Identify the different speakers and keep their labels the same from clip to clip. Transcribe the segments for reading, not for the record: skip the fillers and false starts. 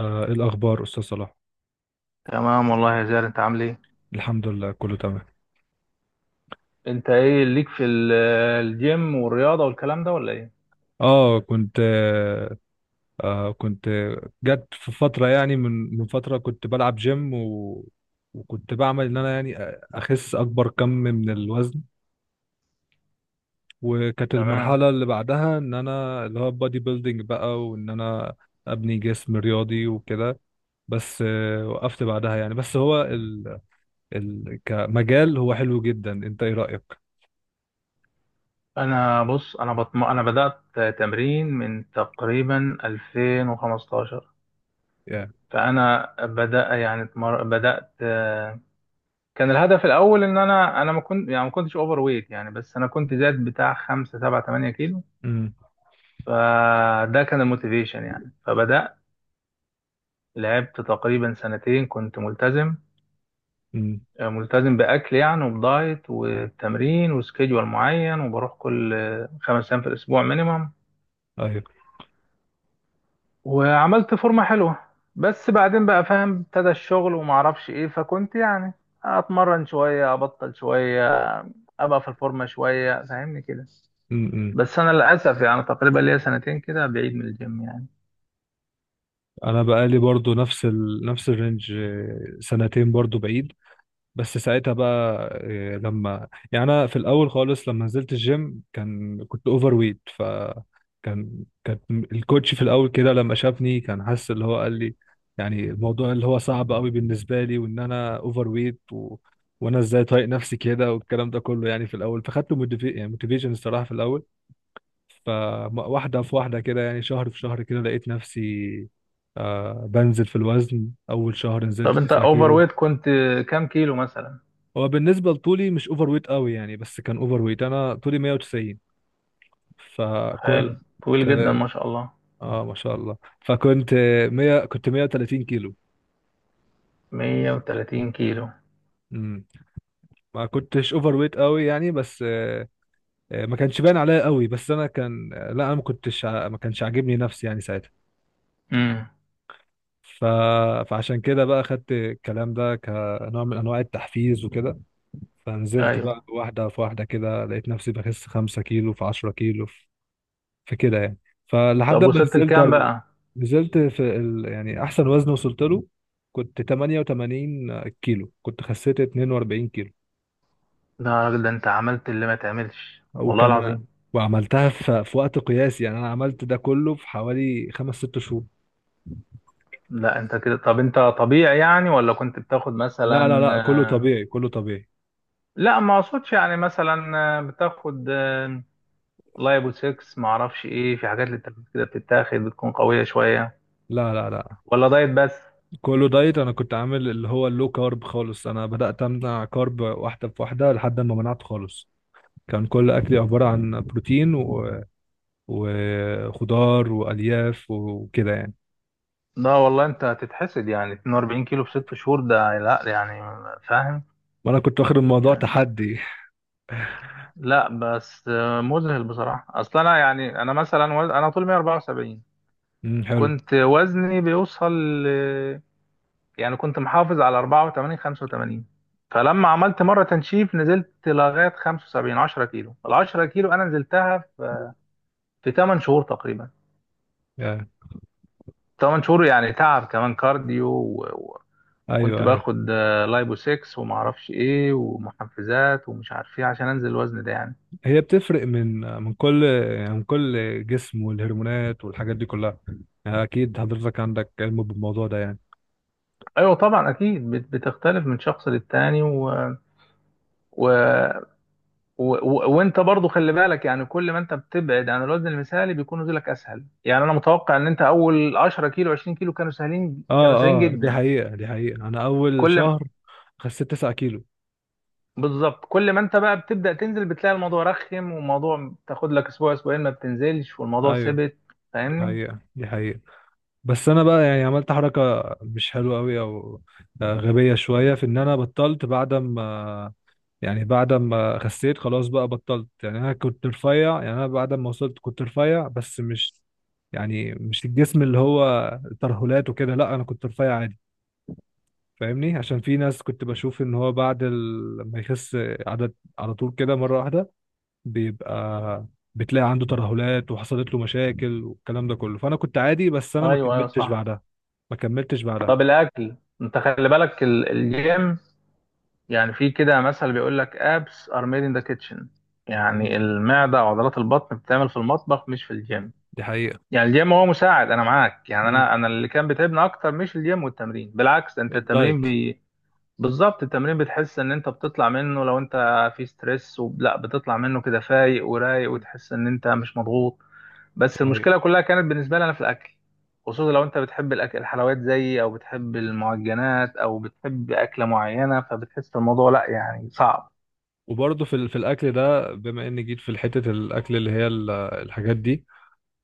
Speaker 1: إيه الأخبار أستاذ صلاح؟
Speaker 2: تمام والله يا زياد، انت عامل ايه؟
Speaker 1: الحمد لله كله تمام.
Speaker 2: انت ايه ليك في الجيم والرياضه والكلام ده، ولا ايه؟
Speaker 1: آه كنت آه آه، كنت جت في فترة، يعني من فترة كنت بلعب جيم وكنت بعمل إن أنا، يعني، أخس أكبر كم من الوزن. وكانت
Speaker 2: تمام.
Speaker 1: المرحلة اللي بعدها إن أنا اللي هو بادي بيلدينج بقى، وإن أنا أبني جسم رياضي وكده. بس، وقفت بعدها يعني. بس هو كمجال هو حلو جدا، أنت إيه رأيك؟
Speaker 2: انا بص، انا بدات تمرين من تقريبا 2015.
Speaker 1: يعني.
Speaker 2: فانا بدا يعني اتمر... بدات، كان الهدف الاول ان انا ما كنتش اوفر ويت يعني. بس انا كنت زاد بتاع 5 7 8 كيلو،
Speaker 1: امم.
Speaker 2: فده كان الموتيفيشن يعني. فبدات لعبت تقريبا سنتين، كنت ملتزم.
Speaker 1: امم.
Speaker 2: ملتزم بأكل يعني، وبدايت وتمرين وسكيدول معين، وبروح كل خمس أيام في الأسبوع مينيمم.
Speaker 1: ايوه.
Speaker 2: وعملت فورمة حلوة. بس بعدين بقى فاهم، ابتدى الشغل ومعرفش ايه، فكنت يعني اتمرن شوية ابطل شوية، ابقى في الفورمة شوية، فاهمني كده.
Speaker 1: Mm-hmm.
Speaker 2: بس انا للاسف يعني تقريبا ليا سنتين كده بعيد من الجيم يعني.
Speaker 1: انا بقالي برضو نفس نفس الرينج، سنتين برضو بعيد. بس ساعتها بقى، لما، يعني، انا في الاول خالص لما نزلت الجيم كنت اوفر ويت ف كان الكوتش في الاول كده لما شافني كان حاسس اللي هو، قال لي يعني الموضوع اللي هو صعب قوي بالنسبه لي، وان انا اوفر ويت، و... وانا ازاي طايق نفسي كده والكلام ده كله، يعني في الاول فخدت يعني موتيفيشن الصراحه في الاول. فواحدة في واحدة كده، يعني شهر في شهر كده، لقيت نفسي بنزل في الوزن. أول شهر نزلت
Speaker 2: طب انت
Speaker 1: 9
Speaker 2: اوفر
Speaker 1: كيلو.
Speaker 2: ويت، كنت كام كيلو مثلا؟
Speaker 1: هو بالنسبة لطولي مش أوفر ويت قوي يعني، بس كان أوفر ويت. أنا طولي 190 فكنت،
Speaker 2: حلو، طويل جدا، ما شاء الله.
Speaker 1: ما شاء الله، فكنت 100، كنت 130 كيلو.
Speaker 2: 130 كيلو.
Speaker 1: امم. ما كنتش اوفر ويت قوي يعني بس، ما كانش باين عليا قوي، بس انا كان، لا انا ما كنتش ع- ما كانش عاجبني نفسي يعني ساعتها.
Speaker 2: امم.
Speaker 1: ف... فعشان كده بقى خدت الكلام ده كنوع من انواع التحفيز وكده. فنزلت
Speaker 2: ايوه.
Speaker 1: بقى واحده في واحده كده، لقيت نفسي بخس 5 كيلو، في 10 كيلو، في كده يعني. فلحد
Speaker 2: طب
Speaker 1: ما
Speaker 2: وصلت لكام بقى؟
Speaker 1: نزلت في يعني احسن وزن وصلت له، كنت 88 كيلو، كنت خسيت 42 كيلو.
Speaker 2: لا يا راجل، ده انت عملت اللي ما تعملش، والله
Speaker 1: وكان
Speaker 2: العظيم.
Speaker 1: وعملتها في وقت قياسي. يعني انا عملت ده كله في حوالي خمس ست شهور.
Speaker 2: لا انت كده، طب انت طبيعي يعني، ولا كنت بتاخد مثلا؟
Speaker 1: لا لا لا، كله
Speaker 2: آه،
Speaker 1: طبيعي، كله طبيعي.
Speaker 2: لا، ما اقصدش، يعني مثلا بتاخد لايبو 6، ما اعرفش ايه، في حاجات للتركيز كده بتتاخد، بتكون قوية شوية،
Speaker 1: لا لا لا،
Speaker 2: ولا دايت بس؟
Speaker 1: كله دايت. انا كنت عامل اللي هو اللو كارب خالص. انا بدأت امنع كارب واحدة في واحدة لحد ما منعته خالص. كان كل اكلي عبارة عن بروتين وخضار والياف وكده يعني.
Speaker 2: لا والله، انت هتتحسد يعني. 42 كيلو في 6 شهور، ده لا يعني، فاهم
Speaker 1: وانا كنت واخد الموضوع
Speaker 2: يعني.
Speaker 1: تحدي.
Speaker 2: لا بس مذهل بصراحة. اصل انا يعني، انا مثلا انا طول 174،
Speaker 1: امم، حلو.
Speaker 2: كنت وزني بيوصل ل- يعني كنت محافظ على 84 85. فلما عملت مرة تنشيف نزلت لغاية 75. 10 كيلو، ال 10 كيلو أنا نزلتها في في 8 شهور تقريبا.
Speaker 1: يا.
Speaker 2: 8 شهور، يعني تعب، كمان كارديو وكنت
Speaker 1: ايوه ايوه.
Speaker 2: باخد لايبو 6 وما اعرفش ايه ومحفزات ومش عارف ايه عشان انزل الوزن ده يعني.
Speaker 1: هي بتفرق من كل، يعني من كل جسم والهرمونات والحاجات دي كلها. يعني اكيد حضرتك عندك علم بالموضوع ده يعني.
Speaker 2: ايوه طبعا، اكيد بتختلف من شخص للتاني و... وانت برضو خلي بالك يعني، كل ما انت بتبعد عن الوزن المثالي بيكون نزولك اسهل. يعني انا متوقع ان انت اول 10 كيلو 20 كيلو كانوا سهلين، كانوا
Speaker 1: اه
Speaker 2: سهلين
Speaker 1: اه، دي
Speaker 2: جدا.
Speaker 1: حقيقة، دي حقيقة. انا اول
Speaker 2: كل ما-
Speaker 1: شهر خسيت 9 كيلو.
Speaker 2: بالظبط، كل ما انت بقى بتبدا تنزل بتلاقي الموضوع رخم، والموضوع تاخد لك اسبوع اسبوعين ما بتنزلش، والموضوع
Speaker 1: ايوه،
Speaker 2: ثبت،
Speaker 1: دي
Speaker 2: فاهمني.
Speaker 1: حقيقة، دي حقيقة. بس انا بقى، يعني، عملت حركه مش حلوه قوي، او غبيه شويه، في ان انا بطلت بعد ما، يعني بعد ما خسيت خلاص بقى بطلت. يعني انا كنت رفيع، يعني انا بعد ما وصلت كنت رفيع، بس مش، يعني مش الجسم اللي هو ترهلات وكده، لا، انا كنت رفيع عادي. فاهمني، عشان في ناس كنت بشوف ان هو بعد ما يخس عدد على طول كده مره واحده بيبقى، بتلاقي عنده ترهلات وحصلت له مشاكل والكلام ده كله. فانا كنت عادي، بس انا ما
Speaker 2: ايوه، ايوه،
Speaker 1: كملتش
Speaker 2: صح.
Speaker 1: بعدها. ما كملتش بعدها.
Speaker 2: طب الاكل، انت خلي بالك الجيم، يعني في كده مثل بيقول لك abs are made in the kitchen.
Speaker 1: مم.
Speaker 2: يعني المعده وعضلات البطن بتعمل في المطبخ مش في الجيم.
Speaker 1: دي حقيقة.
Speaker 2: يعني الجيم هو مساعد. انا معاك يعني،
Speaker 1: مم.
Speaker 2: انا اللي كان بيتعبني اكتر مش الجيم والتمرين. بالعكس، انت التمرين
Speaker 1: الدايت.
Speaker 2: بالظبط، التمرين بتحس ان انت بتطلع منه، لو انت في ستريس لا، بتطلع منه كده فايق ورايق،
Speaker 1: مم.
Speaker 2: وتحس ان انت مش مضغوط.
Speaker 1: دي
Speaker 2: بس
Speaker 1: حقيقة.
Speaker 2: المشكله كلها كانت بالنسبه لي انا في الاكل، خصوصا لو انت بتحب الاكل، الحلويات زيي، او بتحب المعجنات، او بتحب اكله معينه، فبتحس الموضوع، لا يعني، صعب.
Speaker 1: وبرضه في في الاكل ده، بما اني جيت في حتة الاكل اللي هي الحاجات دي،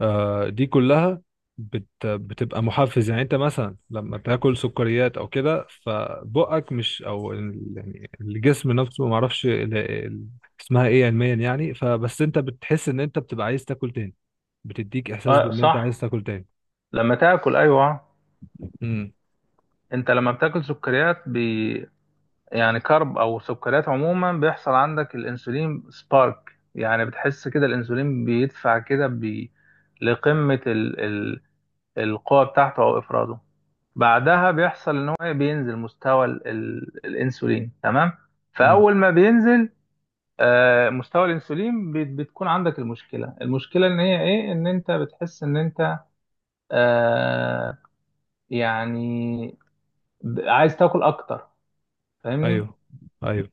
Speaker 1: دي كلها بتبقى محفز. يعني انت مثلا لما تاكل سكريات او كده فبقك مش، او يعني الجسم نفسه، ما اعرفش اسمها ايه علميا يعني. فبس انت بتحس ان انت بتبقى عايز تاكل تاني، بتديك احساس
Speaker 2: اه
Speaker 1: بان انت عايز
Speaker 2: صح.
Speaker 1: تاكل تاني.
Speaker 2: لما تاكل، ايوه.
Speaker 1: امم.
Speaker 2: انت لما بتاكل سكريات، يعني كرب او سكريات عموما، بيحصل عندك الانسولين سبارك. يعني بتحس كده الانسولين بيدفع كده بي لقمة ال... ال... القوة بتاعته او افراده. بعدها بيحصل ان هو إيه؟ بينزل مستوى الانسولين، تمام؟
Speaker 1: امم.
Speaker 2: فاول ما بينزل مستوى الانسولين، بتكون عندك المشكلة. المشكلة ان هي ايه؟ ان انت بتحس ان انت آه، يعني عايز تاكل اكتر، فاهمني.
Speaker 1: ايوه. ايوه.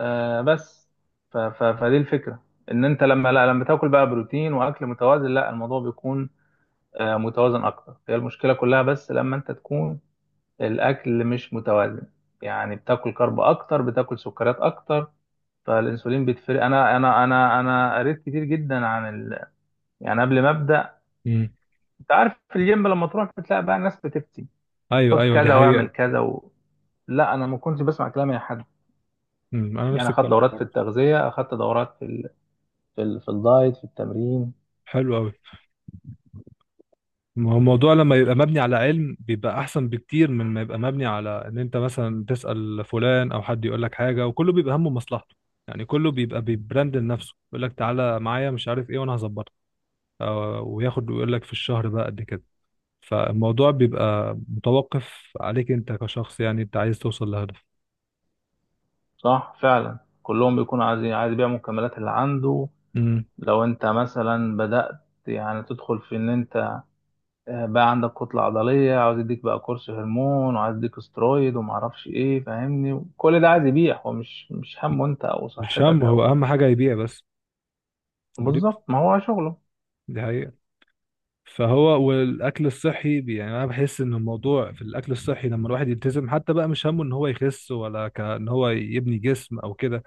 Speaker 2: آه بس ف ف فدي الفكرة، ان انت لما لا لما تاكل بقى بروتين واكل متوازن، لا، الموضوع بيكون متوازن اكتر. هي المشكلة كلها بس لما انت تكون الاكل مش متوازن، يعني بتاكل كرب اكتر، بتاكل سكريات اكتر، فالانسولين بيتفرق. انا قريت كتير جدا عن يعني قبل ما ابدا.
Speaker 1: مم.
Speaker 2: انت عارف في الجيم لما تروح بتلاقي بقى الناس بتفتي،
Speaker 1: ايوه
Speaker 2: خد
Speaker 1: ايوه، دي
Speaker 2: كذا واعمل
Speaker 1: حقيقة.
Speaker 2: كذا لا انا ما كنتش بسمع كلام اي حد.
Speaker 1: امم. انا
Speaker 2: يعني
Speaker 1: نفس
Speaker 2: اخدت
Speaker 1: الكلام
Speaker 2: دورات في
Speaker 1: برضه.
Speaker 2: التغذية، اخدت دورات في الدايت، في التمرين.
Speaker 1: حلو قوي. ما هو الموضوع لما يبقى مبني على علم بيبقى احسن بكتير من ما يبقى مبني على ان انت مثلا تسأل فلان او حد يقول لك حاجة، وكله بيبقى همه مصلحته. يعني كله بيبقى بيبراند لنفسه، يقول لك تعالى معايا مش عارف ايه وانا هظبطك، أو- وياخد ويقول لك في الشهر بقى قد كده. فالموضوع بيبقى متوقف عليك انت كشخص، يعني انت عايز توصل لهدف.
Speaker 2: صح فعلا، كلهم بيكونوا عايزين، عايز يبيع المكملات اللي عنده.
Speaker 1: امم.
Speaker 2: لو انت مثلا بدأت يعني تدخل في ان انت بقى عندك كتلة عضلية، عاوز يديك بقى كورس هرمون، وعايز يديك استرويد، ومعرفش ايه، فاهمني، كل ده عايز يبيع. هو مش همه انت او
Speaker 1: مش
Speaker 2: صحتك
Speaker 1: هو
Speaker 2: او،
Speaker 1: اهم حاجة يبيع بس. ودي
Speaker 2: بالظبط، ما هو شغله.
Speaker 1: دي حقيقة. فهو والاكل الصحي يعني، انا بحس ان الموضوع في الاكل الصحي لما الواحد يلتزم، حتى بقى مش همه ان هو يخس، ولا كان هو يبني جسم او كده.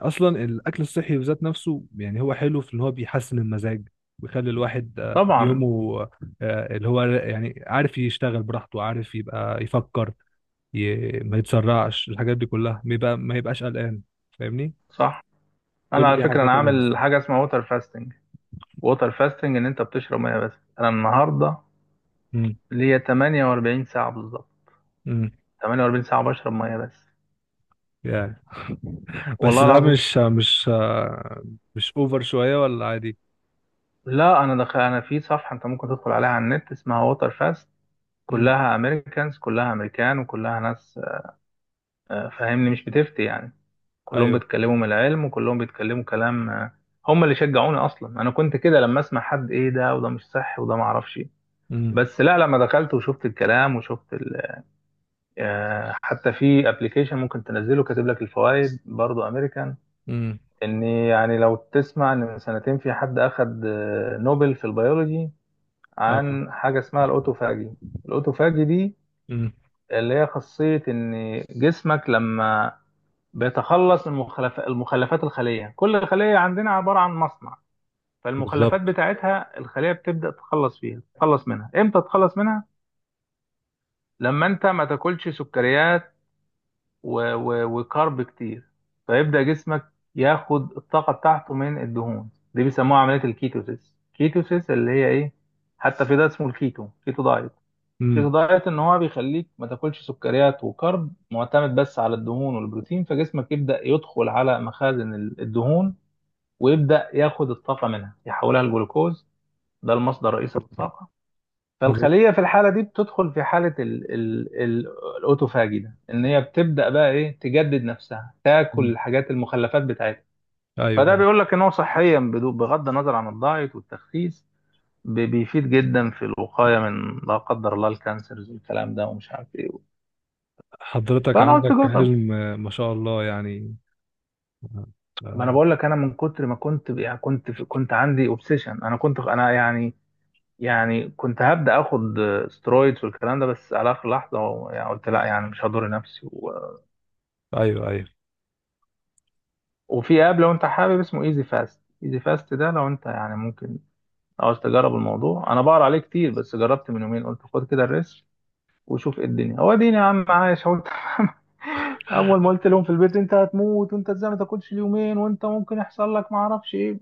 Speaker 1: اصلا الاكل الصحي بذات نفسه يعني هو حلو في ان هو بيحسن المزاج، ويخلي الواحد،
Speaker 2: طبعا،
Speaker 1: يومه، اللي هو يعني عارف يشتغل براحته، عارف يبقى يفكر، ما يتسرعش، الحاجات دي كلها ما يبقاش قلقان. فاهمني.
Speaker 2: صح. انا
Speaker 1: كل
Speaker 2: على
Speaker 1: دي
Speaker 2: فكرة انا
Speaker 1: حاجات.
Speaker 2: عامل حاجة اسمها ووتر فاستنج. ووتر فاستنج ان انت بتشرب ميه بس. انا النهاردة
Speaker 1: انا
Speaker 2: ليا 48 ساعة بالظبط. 48 ساعة بشرب مية بس،
Speaker 1: يعني بس
Speaker 2: والله
Speaker 1: ده
Speaker 2: العظيم.
Speaker 1: مش اوفر شوية ولا عادي؟
Speaker 2: لا، أنا دخل أنا في صفحة، أنت ممكن تدخل عليها على النت، اسمها ووتر فاست.
Speaker 1: امم.
Speaker 2: كلها أمريكانز، كلها أمريكان وكلها ناس، فاهمني، مش بتفتي يعني. كلهم
Speaker 1: ايوه.
Speaker 2: بيتكلموا من العلم، وكلهم بيتكلموا كلام، هم اللي شجعوني أصلا. أنا كنت كده لما أسمع حد، إيه ده وده مش صح وده معرفش إيه.
Speaker 1: امم.
Speaker 2: بس لا، لما دخلت وشفت الكلام وشفت ال... آه، حتى في ابلكيشن ممكن تنزله كاتب لك الفوائد، برضه امريكان.
Speaker 1: امم.
Speaker 2: ان يعني لو تسمع، ان من سنتين في حد اخد نوبل في البيولوجي،
Speaker 1: اه.
Speaker 2: عن حاجه اسمها الاوتوفاجي. الاوتوفاجي دي
Speaker 1: امم.
Speaker 2: اللي هي خاصيه ان جسمك لما بيتخلص من المخلفات، الخليه، كل خليه عندنا عباره عن مصنع. فالمخلفات
Speaker 1: بالظبط.
Speaker 2: بتاعتها الخليه بتبدا تتخلص فيها، تتخلص منها. امتى تتخلص منها؟ لما انت ما تاكلش سكريات وكارب كتير، فيبدأ جسمك ياخد الطاقة بتاعته من الدهون. دي بيسموها عملية الكيتوسيس، كيتوسيس اللي هي ايه؟ حتى في ده اسمه الكيتو، كيتو دايت. كيتو
Speaker 1: امم.
Speaker 2: دايت ان هو بيخليك ما تاكلش سكريات وكارب، معتمد بس على الدهون والبروتين، فجسمك يبدأ يدخل على مخازن الدهون، ويبدأ ياخد الطاقة منها، يحولها لجلوكوز، ده المصدر الرئيسي للطاقة.
Speaker 1: حضرتك.
Speaker 2: فالخلية في الحالة دي بتدخل في حالة ال ال ال الأوتوفاجي ده، إن هي بتبدأ بقى إيه؟ تجدد نفسها، تاكل
Speaker 1: امم.
Speaker 2: الحاجات، المخلفات بتاعتها.
Speaker 1: ايوه
Speaker 2: فده
Speaker 1: ايوه.
Speaker 2: بيقول لك إن هو صحيا، بغض النظر عن الدايت والتخسيس، بيفيد جدا في الوقاية من، لا قدر الله، الكانسرز والكلام ده ومش عارف إيه.
Speaker 1: حضرتك
Speaker 2: فأنا قلت
Speaker 1: عندك
Speaker 2: جرب.
Speaker 1: حلم، ما شاء الله يعني.
Speaker 2: ما أنا
Speaker 1: آه،
Speaker 2: بقول لك، أنا من كتر ما كنت ب- يعني كنت في كنت عندي أوبسيشن. أنا كنت أنا يعني يعني كنت هبدأ آخد سترويدز والكلام ده، بس على آخر لحظة يعني قلت لا، يعني مش هضر نفسي.
Speaker 1: ايوه ايوه
Speaker 2: وفي اب لو انت حابب، اسمه ايزي فاست. ايزي فاست ده لو انت يعني ممكن، عاوز تجرب الموضوع، انا بقرا عليه كتير بس جربت من يومين، قلت خد كده الريسك وشوف ايه الدنيا، هو ديني يا عم عايش؟ هو اول ما قلت لهم في البيت، انت هتموت، وانت ازاي ما تاكلش اليومين، وانت ممكن يحصل لك ما اعرفش ايه.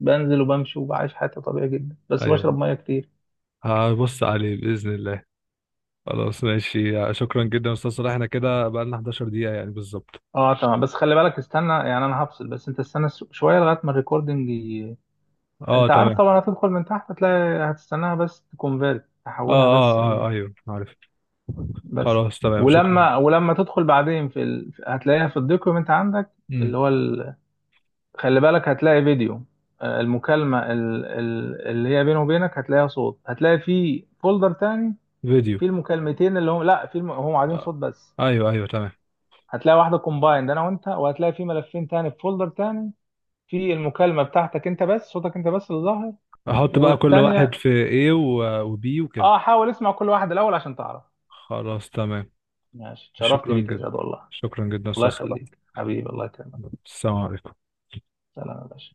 Speaker 2: بنزل وبمشي وبعيش حياتي طبيعي جدا، بس
Speaker 1: ايوه،
Speaker 2: بشرب ميه كتير.
Speaker 1: هبص عليه باذن الله. خلاص ماشي. شكرا جدا يا استاذ صلاح. احنا كده بقالنا 11 دقيقة يعني بالظبط.
Speaker 2: اه تمام. بس خلي بالك، استنى يعني، انا هفصل، بس انت استنى شويه لغايه ما الريكوردنج
Speaker 1: اه
Speaker 2: انت عارف
Speaker 1: تمام.
Speaker 2: طبعا، هتدخل من تحت هتلاقي، هتستناها بس تكونفيرت،
Speaker 1: اه
Speaker 2: تحولها بس.
Speaker 1: اه اه ايوه عارف.
Speaker 2: بس.
Speaker 1: خلاص تمام شكرا.
Speaker 2: ولما تدخل بعدين في هتلاقيها في الدوكيومنت عندك،
Speaker 1: امم.
Speaker 2: اللي هو خلي بالك هتلاقي فيديو، المكالمة اللي هي بينه وبينك، هتلاقيها صوت، هتلاقي في فولدر تاني،
Speaker 1: فيديو.
Speaker 2: في المكالمتين اللي هم لا، في هم قاعدين
Speaker 1: آه.
Speaker 2: صوت بس.
Speaker 1: ايوه ايوه تمام.
Speaker 2: هتلاقي واحدة كومبايند انا وانت، وهتلاقي في ملفين تاني في فولدر تاني، في المكالمة بتاعتك انت بس، صوتك انت بس اللي ظاهر،
Speaker 1: احط بقى كل واحد
Speaker 2: والتانية.
Speaker 1: في A وبي وكده.
Speaker 2: اه، حاول اسمع كل واحد الاول عشان تعرف.
Speaker 1: خلاص تمام.
Speaker 2: ماشي، اتشرفت
Speaker 1: شكرا
Speaker 2: بيك يا
Speaker 1: جدا.
Speaker 2: زياد، والله.
Speaker 1: شكرا جدا
Speaker 2: الله
Speaker 1: استاذ صلاح.
Speaker 2: يخليك حبيبي، الله يكرمك.
Speaker 1: السلام عليكم.
Speaker 2: سلام يا باشا.